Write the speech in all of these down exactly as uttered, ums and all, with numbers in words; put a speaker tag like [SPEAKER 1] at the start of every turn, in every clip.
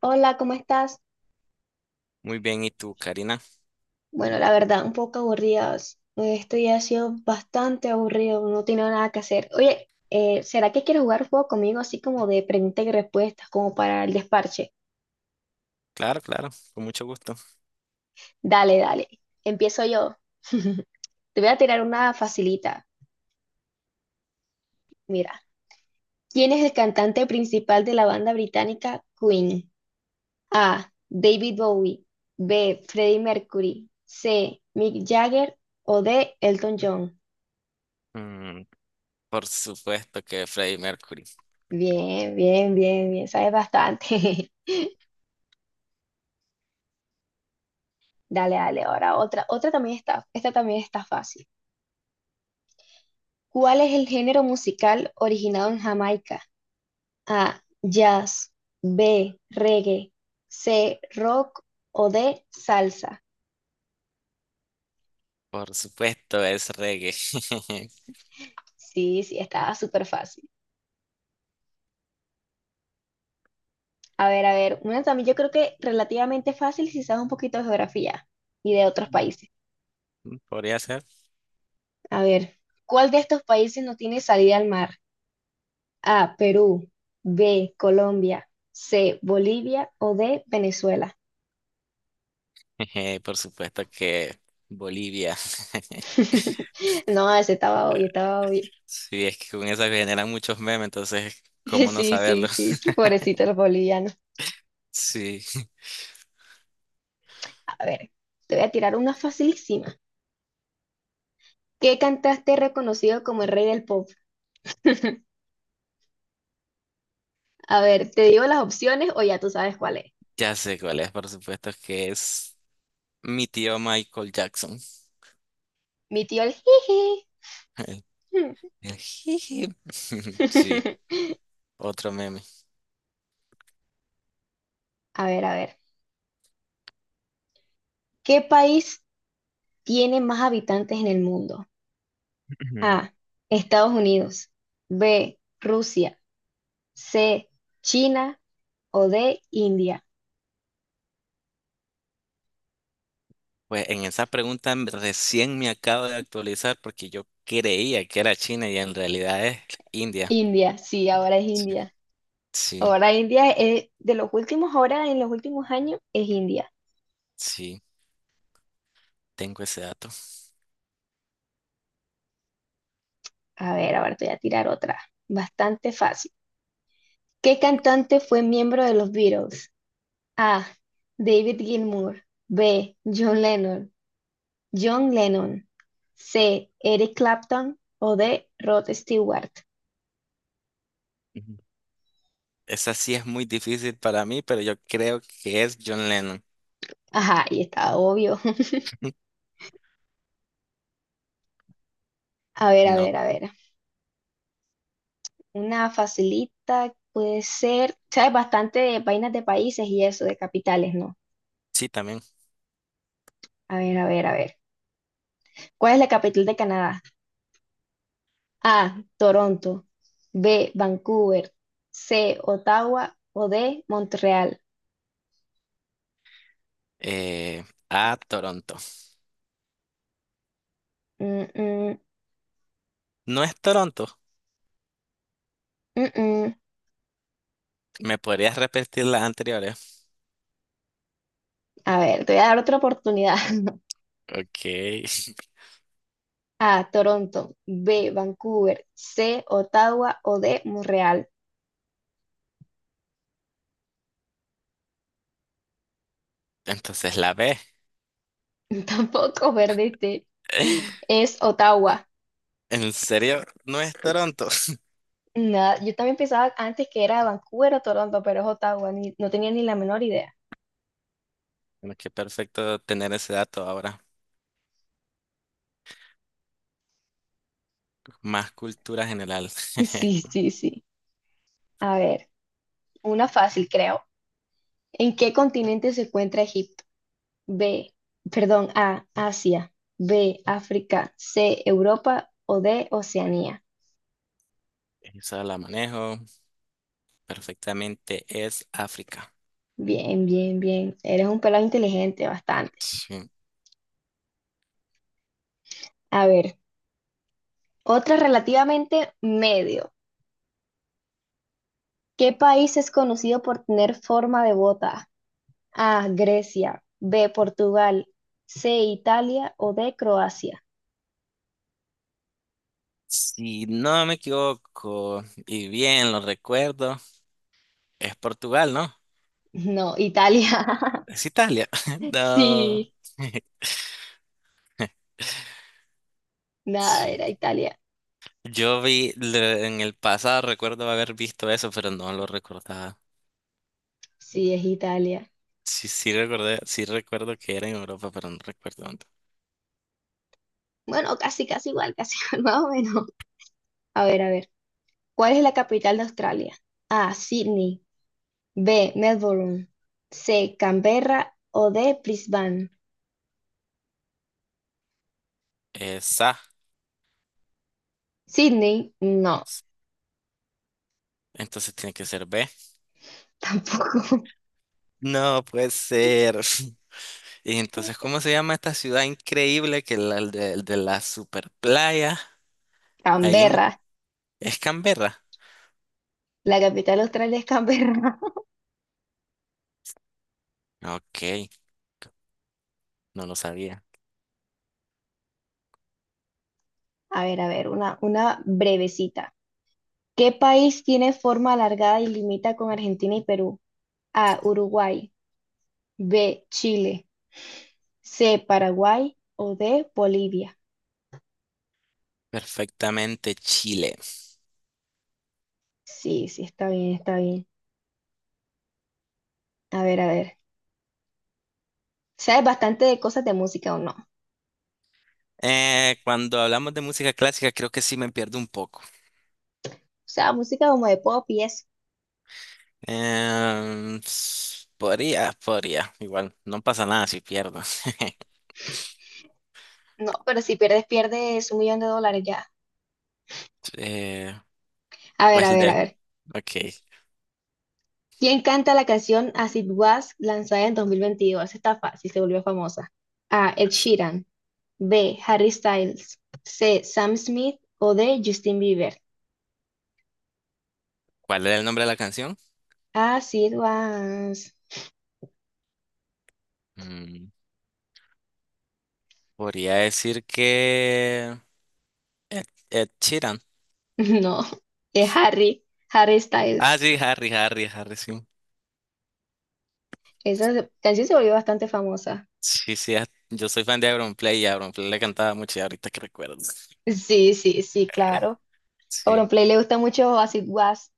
[SPEAKER 1] Hola, ¿cómo estás?
[SPEAKER 2] Muy bien, ¿y tú, Karina?
[SPEAKER 1] Bueno, la verdad, un poco aburridas. Esto ya ha sido bastante aburrido, no tengo nada que hacer. Oye, eh, ¿será que quieres jugar un juego conmigo así como de preguntas y respuestas, como para el desparche?
[SPEAKER 2] Claro, claro, con mucho gusto.
[SPEAKER 1] Dale, dale. Empiezo yo. Te voy a tirar una facilita. Mira, ¿quién es el cantante principal de la banda británica Queen? A. David Bowie. B. Freddie Mercury. C. Mick Jagger. O D. Elton John.
[SPEAKER 2] Mm, por supuesto que Freddie Mercury.
[SPEAKER 1] Bien, bien, bien, bien, sabes bastante. Dale, dale, ahora otra. Otra también está, esta también está fácil. ¿Cuál es el género musical originado en Jamaica? A, jazz, B, reggae, C, rock o D, salsa.
[SPEAKER 2] Por supuesto es reggae.
[SPEAKER 1] Sí, sí, estaba súper fácil. A ver, a ver, una también yo creo que relativamente fácil si sabes un poquito de geografía y de otros países.
[SPEAKER 2] Mm, Podría ser.
[SPEAKER 1] A ver, ¿cuál de estos países no tiene salida al mar? A, Perú, B, Colombia, C, Bolivia o D, Venezuela.
[SPEAKER 2] Jeje, por supuesto que Bolivia.
[SPEAKER 1] No, ese estaba obvio, estaba obvio.
[SPEAKER 2] Sí, es que con eso generan muchos memes, entonces,
[SPEAKER 1] Sí,
[SPEAKER 2] ¿cómo no
[SPEAKER 1] sí,
[SPEAKER 2] saberlo?
[SPEAKER 1] sí, sí, pobrecito los bolivianos.
[SPEAKER 2] Sí,
[SPEAKER 1] A ver, te voy a tirar una facilísima. ¿Qué cantante es reconocido como el rey del pop? A ver, ¿te digo las opciones o ya tú sabes cuál es?
[SPEAKER 2] ya sé cuál es, por supuesto que es mi tío Michael Jackson.
[SPEAKER 1] Mi tío el jiji.
[SPEAKER 2] El- Jiji. Sí, otro meme.
[SPEAKER 1] A ver, a ver. ¿Qué país tiene más habitantes en el mundo? A, Estados Unidos. B, Rusia. C, China o D, India.
[SPEAKER 2] Pues en esa pregunta m- recién me acabo de actualizar porque yo creía que era China y en realidad es India.
[SPEAKER 1] India, sí, ahora es
[SPEAKER 2] Sí.
[SPEAKER 1] India.
[SPEAKER 2] Sí,
[SPEAKER 1] Ahora India es de los últimos, ahora en los últimos años es India.
[SPEAKER 2] sí, tengo ese dato.
[SPEAKER 1] A ver, ahora te voy a tirar otra. Bastante fácil. ¿Qué cantante fue miembro de los Beatles? A, David Gilmour. B, John Lennon. John Lennon. C, Eric Clapton o D, Rod Stewart.
[SPEAKER 2] Ujú. Esa sí es muy difícil para mí, pero yo creo que es John Lennon.
[SPEAKER 1] Ajá, y está obvio. A ver, a
[SPEAKER 2] No,
[SPEAKER 1] ver, a ver. Una facilita puede ser, sabes bastante de vainas de países y eso, de capitales, ¿no?
[SPEAKER 2] sí, también.
[SPEAKER 1] A ver, a ver, a ver. ¿Cuál es la capital de Canadá? A, Toronto. B, Vancouver. C, Ottawa. O D, Montreal.
[SPEAKER 2] Eh, a Toronto.
[SPEAKER 1] Mm, mm,
[SPEAKER 2] No es Toronto.
[SPEAKER 1] mm, mm.
[SPEAKER 2] ¿Me podrías repetir las anteriores?
[SPEAKER 1] A ver, te voy a dar otra oportunidad.
[SPEAKER 2] Ok.
[SPEAKER 1] A, Toronto. B, Vancouver. C, Ottawa. O D, Montreal.
[SPEAKER 2] Entonces la B.
[SPEAKER 1] Tampoco perdiste. Es Ottawa.
[SPEAKER 2] ¿En serio? No es Toronto.
[SPEAKER 1] Nada, yo también pensaba antes que era Vancouver o Toronto, pero es Ottawa, ni- no tenía ni la menor idea.
[SPEAKER 2] Bueno, qué perfecto tener ese dato ahora. Más cultura general.
[SPEAKER 1] Sí, sí, sí. A ver, una fácil, creo. ¿En qué continente se encuentra Egipto? B, perdón, A, Asia, B, África, C, Europa o D, Oceanía.
[SPEAKER 2] Esa la manejo perfectamente. Es África.
[SPEAKER 1] Bien, bien, bien. Eres un pelado inteligente, bastante.
[SPEAKER 2] Sí.
[SPEAKER 1] A ver, otra relativamente medio. ¿Qué país es conocido por tener forma de bota? A, Grecia, B, Portugal, C, Italia o D, Croacia.
[SPEAKER 2] Si no me equivoco y bien lo recuerdo, es Portugal, ¿no?
[SPEAKER 1] No, Italia.
[SPEAKER 2] Es Italia. No.
[SPEAKER 1] Sí, nada,
[SPEAKER 2] Sí.
[SPEAKER 1] era Italia.
[SPEAKER 2] Yo vi le- en el pasado, recuerdo haber visto eso, pero no lo recordaba.
[SPEAKER 1] Sí, es Italia.
[SPEAKER 2] Sí, sí recordé, sí recuerdo que era en Europa, pero no recuerdo dónde.
[SPEAKER 1] Bueno, casi, casi igual, casi igual, más o menos. A ver, a ver. ¿Cuál es la capital de Australia? A, Sydney, B, Melbourne, C, Canberra o D, Brisbane.
[SPEAKER 2] Esa.
[SPEAKER 1] Sydney, no,
[SPEAKER 2] Entonces tiene que ser B.
[SPEAKER 1] tampoco.
[SPEAKER 2] No puede ser. Y entonces, ¿cómo se llama esta ciudad increíble que la el de, de la super playa? Ahí en.
[SPEAKER 1] Canberra,
[SPEAKER 2] ¿Es Canberra?
[SPEAKER 1] la capital de Australia es Canberra.
[SPEAKER 2] Ok, no lo sabía.
[SPEAKER 1] A ver, a ver, una, una brevecita. ¿Qué país tiene forma alargada y limita con Argentina y Perú? A, Uruguay, B, Chile, C, Paraguay o D, Bolivia.
[SPEAKER 2] Perfectamente Chile.
[SPEAKER 1] Sí, sí, está bien, está bien. A ver, a ver. ¿Sabes bastante de cosas de música o no? O
[SPEAKER 2] Eh, cuando hablamos de música clásica, creo que sí me pierdo un poco.
[SPEAKER 1] sea, música como de pop y eso.
[SPEAKER 2] Em, s- podría, podría. Igual, no pasa nada si pierdo.
[SPEAKER 1] No, pero si pierdes, pierdes un millón de dólares ya.
[SPEAKER 2] Eh,
[SPEAKER 1] A ver, a
[SPEAKER 2] pues
[SPEAKER 1] ver,
[SPEAKER 2] de.
[SPEAKER 1] a ver.
[SPEAKER 2] Ok,
[SPEAKER 1] ¿Quién canta la canción As It Was lanzada en dos mil veintidós? Esta está fácil, se volvió famosa. A, Ed Sheeran, B. Harry Styles. C. Sam Smith o D. Justin Bieber.
[SPEAKER 2] ¿cuál era el nombre de la canción?
[SPEAKER 1] As it was.
[SPEAKER 2] Mm, Podría decir que. Ed, Ed Sheeran.
[SPEAKER 1] No, es Harry, Harry
[SPEAKER 2] Ah,
[SPEAKER 1] Styles.
[SPEAKER 2] sí, Harry, Harry, Harry, sí.
[SPEAKER 1] Esa se- canción se volvió bastante famosa.
[SPEAKER 2] Sí, sí, a- yo soy fan de Auronplay y Auronplay le cantaba mucho y ahorita que recuerdo.
[SPEAKER 1] Sí, sí, sí, claro.
[SPEAKER 2] Sí,
[SPEAKER 1] Auronplay le gusta mucho As it was.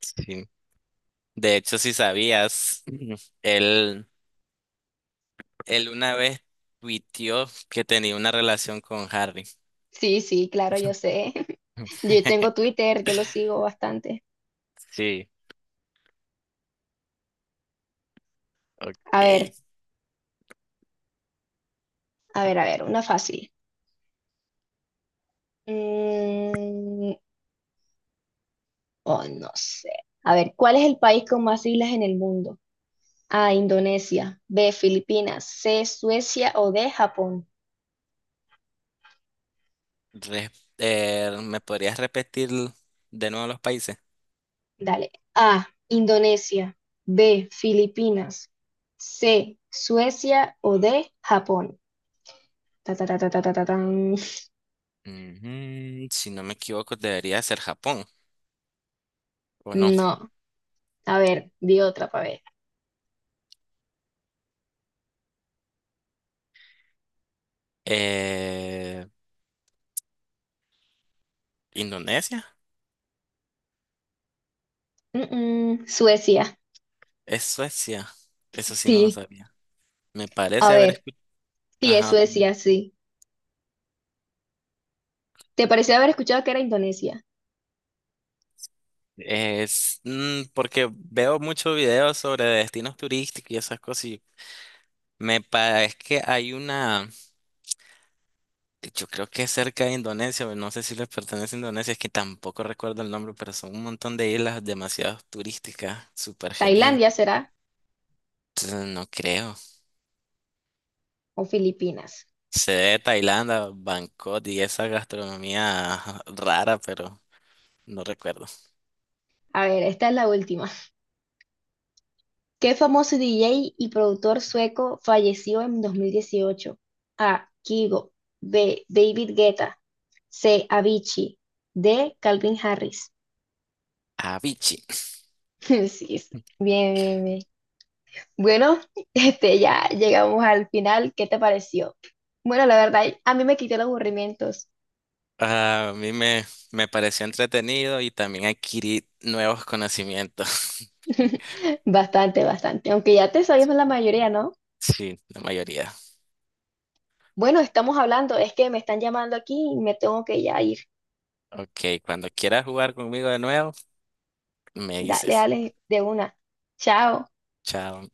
[SPEAKER 2] sí. De hecho, si sabías, Ujú. él, él una vez tuiteó que tenía una relación con Harry.
[SPEAKER 1] Sí, sí, claro, yo sé. Yo tengo Twitter, yo lo sigo bastante.
[SPEAKER 2] Sí, ok.
[SPEAKER 1] A ver, a ver, a ver, una fácil. Mm, oh, no sé. A ver, ¿cuál es el país con más islas en el mundo? A, Indonesia. B, Filipinas. C, Suecia o D, Japón.
[SPEAKER 2] Re- eh, ¿Me podrías repetir de nuevo los países?
[SPEAKER 1] Dale. A, Indonesia. B, Filipinas. C, Suecia o D, Japón. Ta, ta, ta, ta, ta, ta, ta, tan.
[SPEAKER 2] Ujú, si no me equivoco, debería ser Japón, ¿o no?
[SPEAKER 1] No. A ver, di otra para ver.
[SPEAKER 2] Eh, ¿Indonesia?
[SPEAKER 1] Mm, mm, Suecia.
[SPEAKER 2] ¿Es Suecia? Eso sí no lo
[SPEAKER 1] Sí.
[SPEAKER 2] sabía. Me
[SPEAKER 1] A
[SPEAKER 2] parece haber.
[SPEAKER 1] ver. Sí, es
[SPEAKER 2] Ajá, dime.
[SPEAKER 1] Suecia, sí. ¿Te pareció haber escuchado que era Indonesia?
[SPEAKER 2] Es mm, porque veo muchos videos sobre destinos turísticos y esas cosas y me parece que hay una, yo creo que es cerca de Indonesia, pero no sé si les pertenece a Indonesia, es que tampoco recuerdo el nombre, pero son un montón de islas demasiado turísticas, súper genial.
[SPEAKER 1] ¿Tailandia será
[SPEAKER 2] Entonces, no creo.
[SPEAKER 1] o Filipinas?
[SPEAKER 2] Sé de Tailandia, Bangkok y esa gastronomía rara, pero no recuerdo.
[SPEAKER 1] A ver, esta es la última. ¿Qué famoso D J y productor sueco falleció en dos mil dieciocho? A. Kygo. B. David Guetta. C. Avicii. D. Calvin Harris.
[SPEAKER 2] Avicii.
[SPEAKER 1] Sí, sí. Bien, bien, bien. Bueno, este, ya llegamos al final. ¿Qué te pareció? Bueno, la verdad, a mí me quitó los aburrimientos.
[SPEAKER 2] Ah, a mí me, me pareció entretenido y también adquirí nuevos conocimientos.
[SPEAKER 1] Bastante, bastante. Aunque ya te sabíamos la mayoría, ¿no?
[SPEAKER 2] Sí, la mayoría.
[SPEAKER 1] Bueno, estamos hablando. Es que me están llamando aquí y me tengo que ya ir.
[SPEAKER 2] Ok, cuando quieras jugar conmigo de nuevo, me
[SPEAKER 1] Dale,
[SPEAKER 2] dices.
[SPEAKER 1] dale, de una. Chao.
[SPEAKER 2] Chao.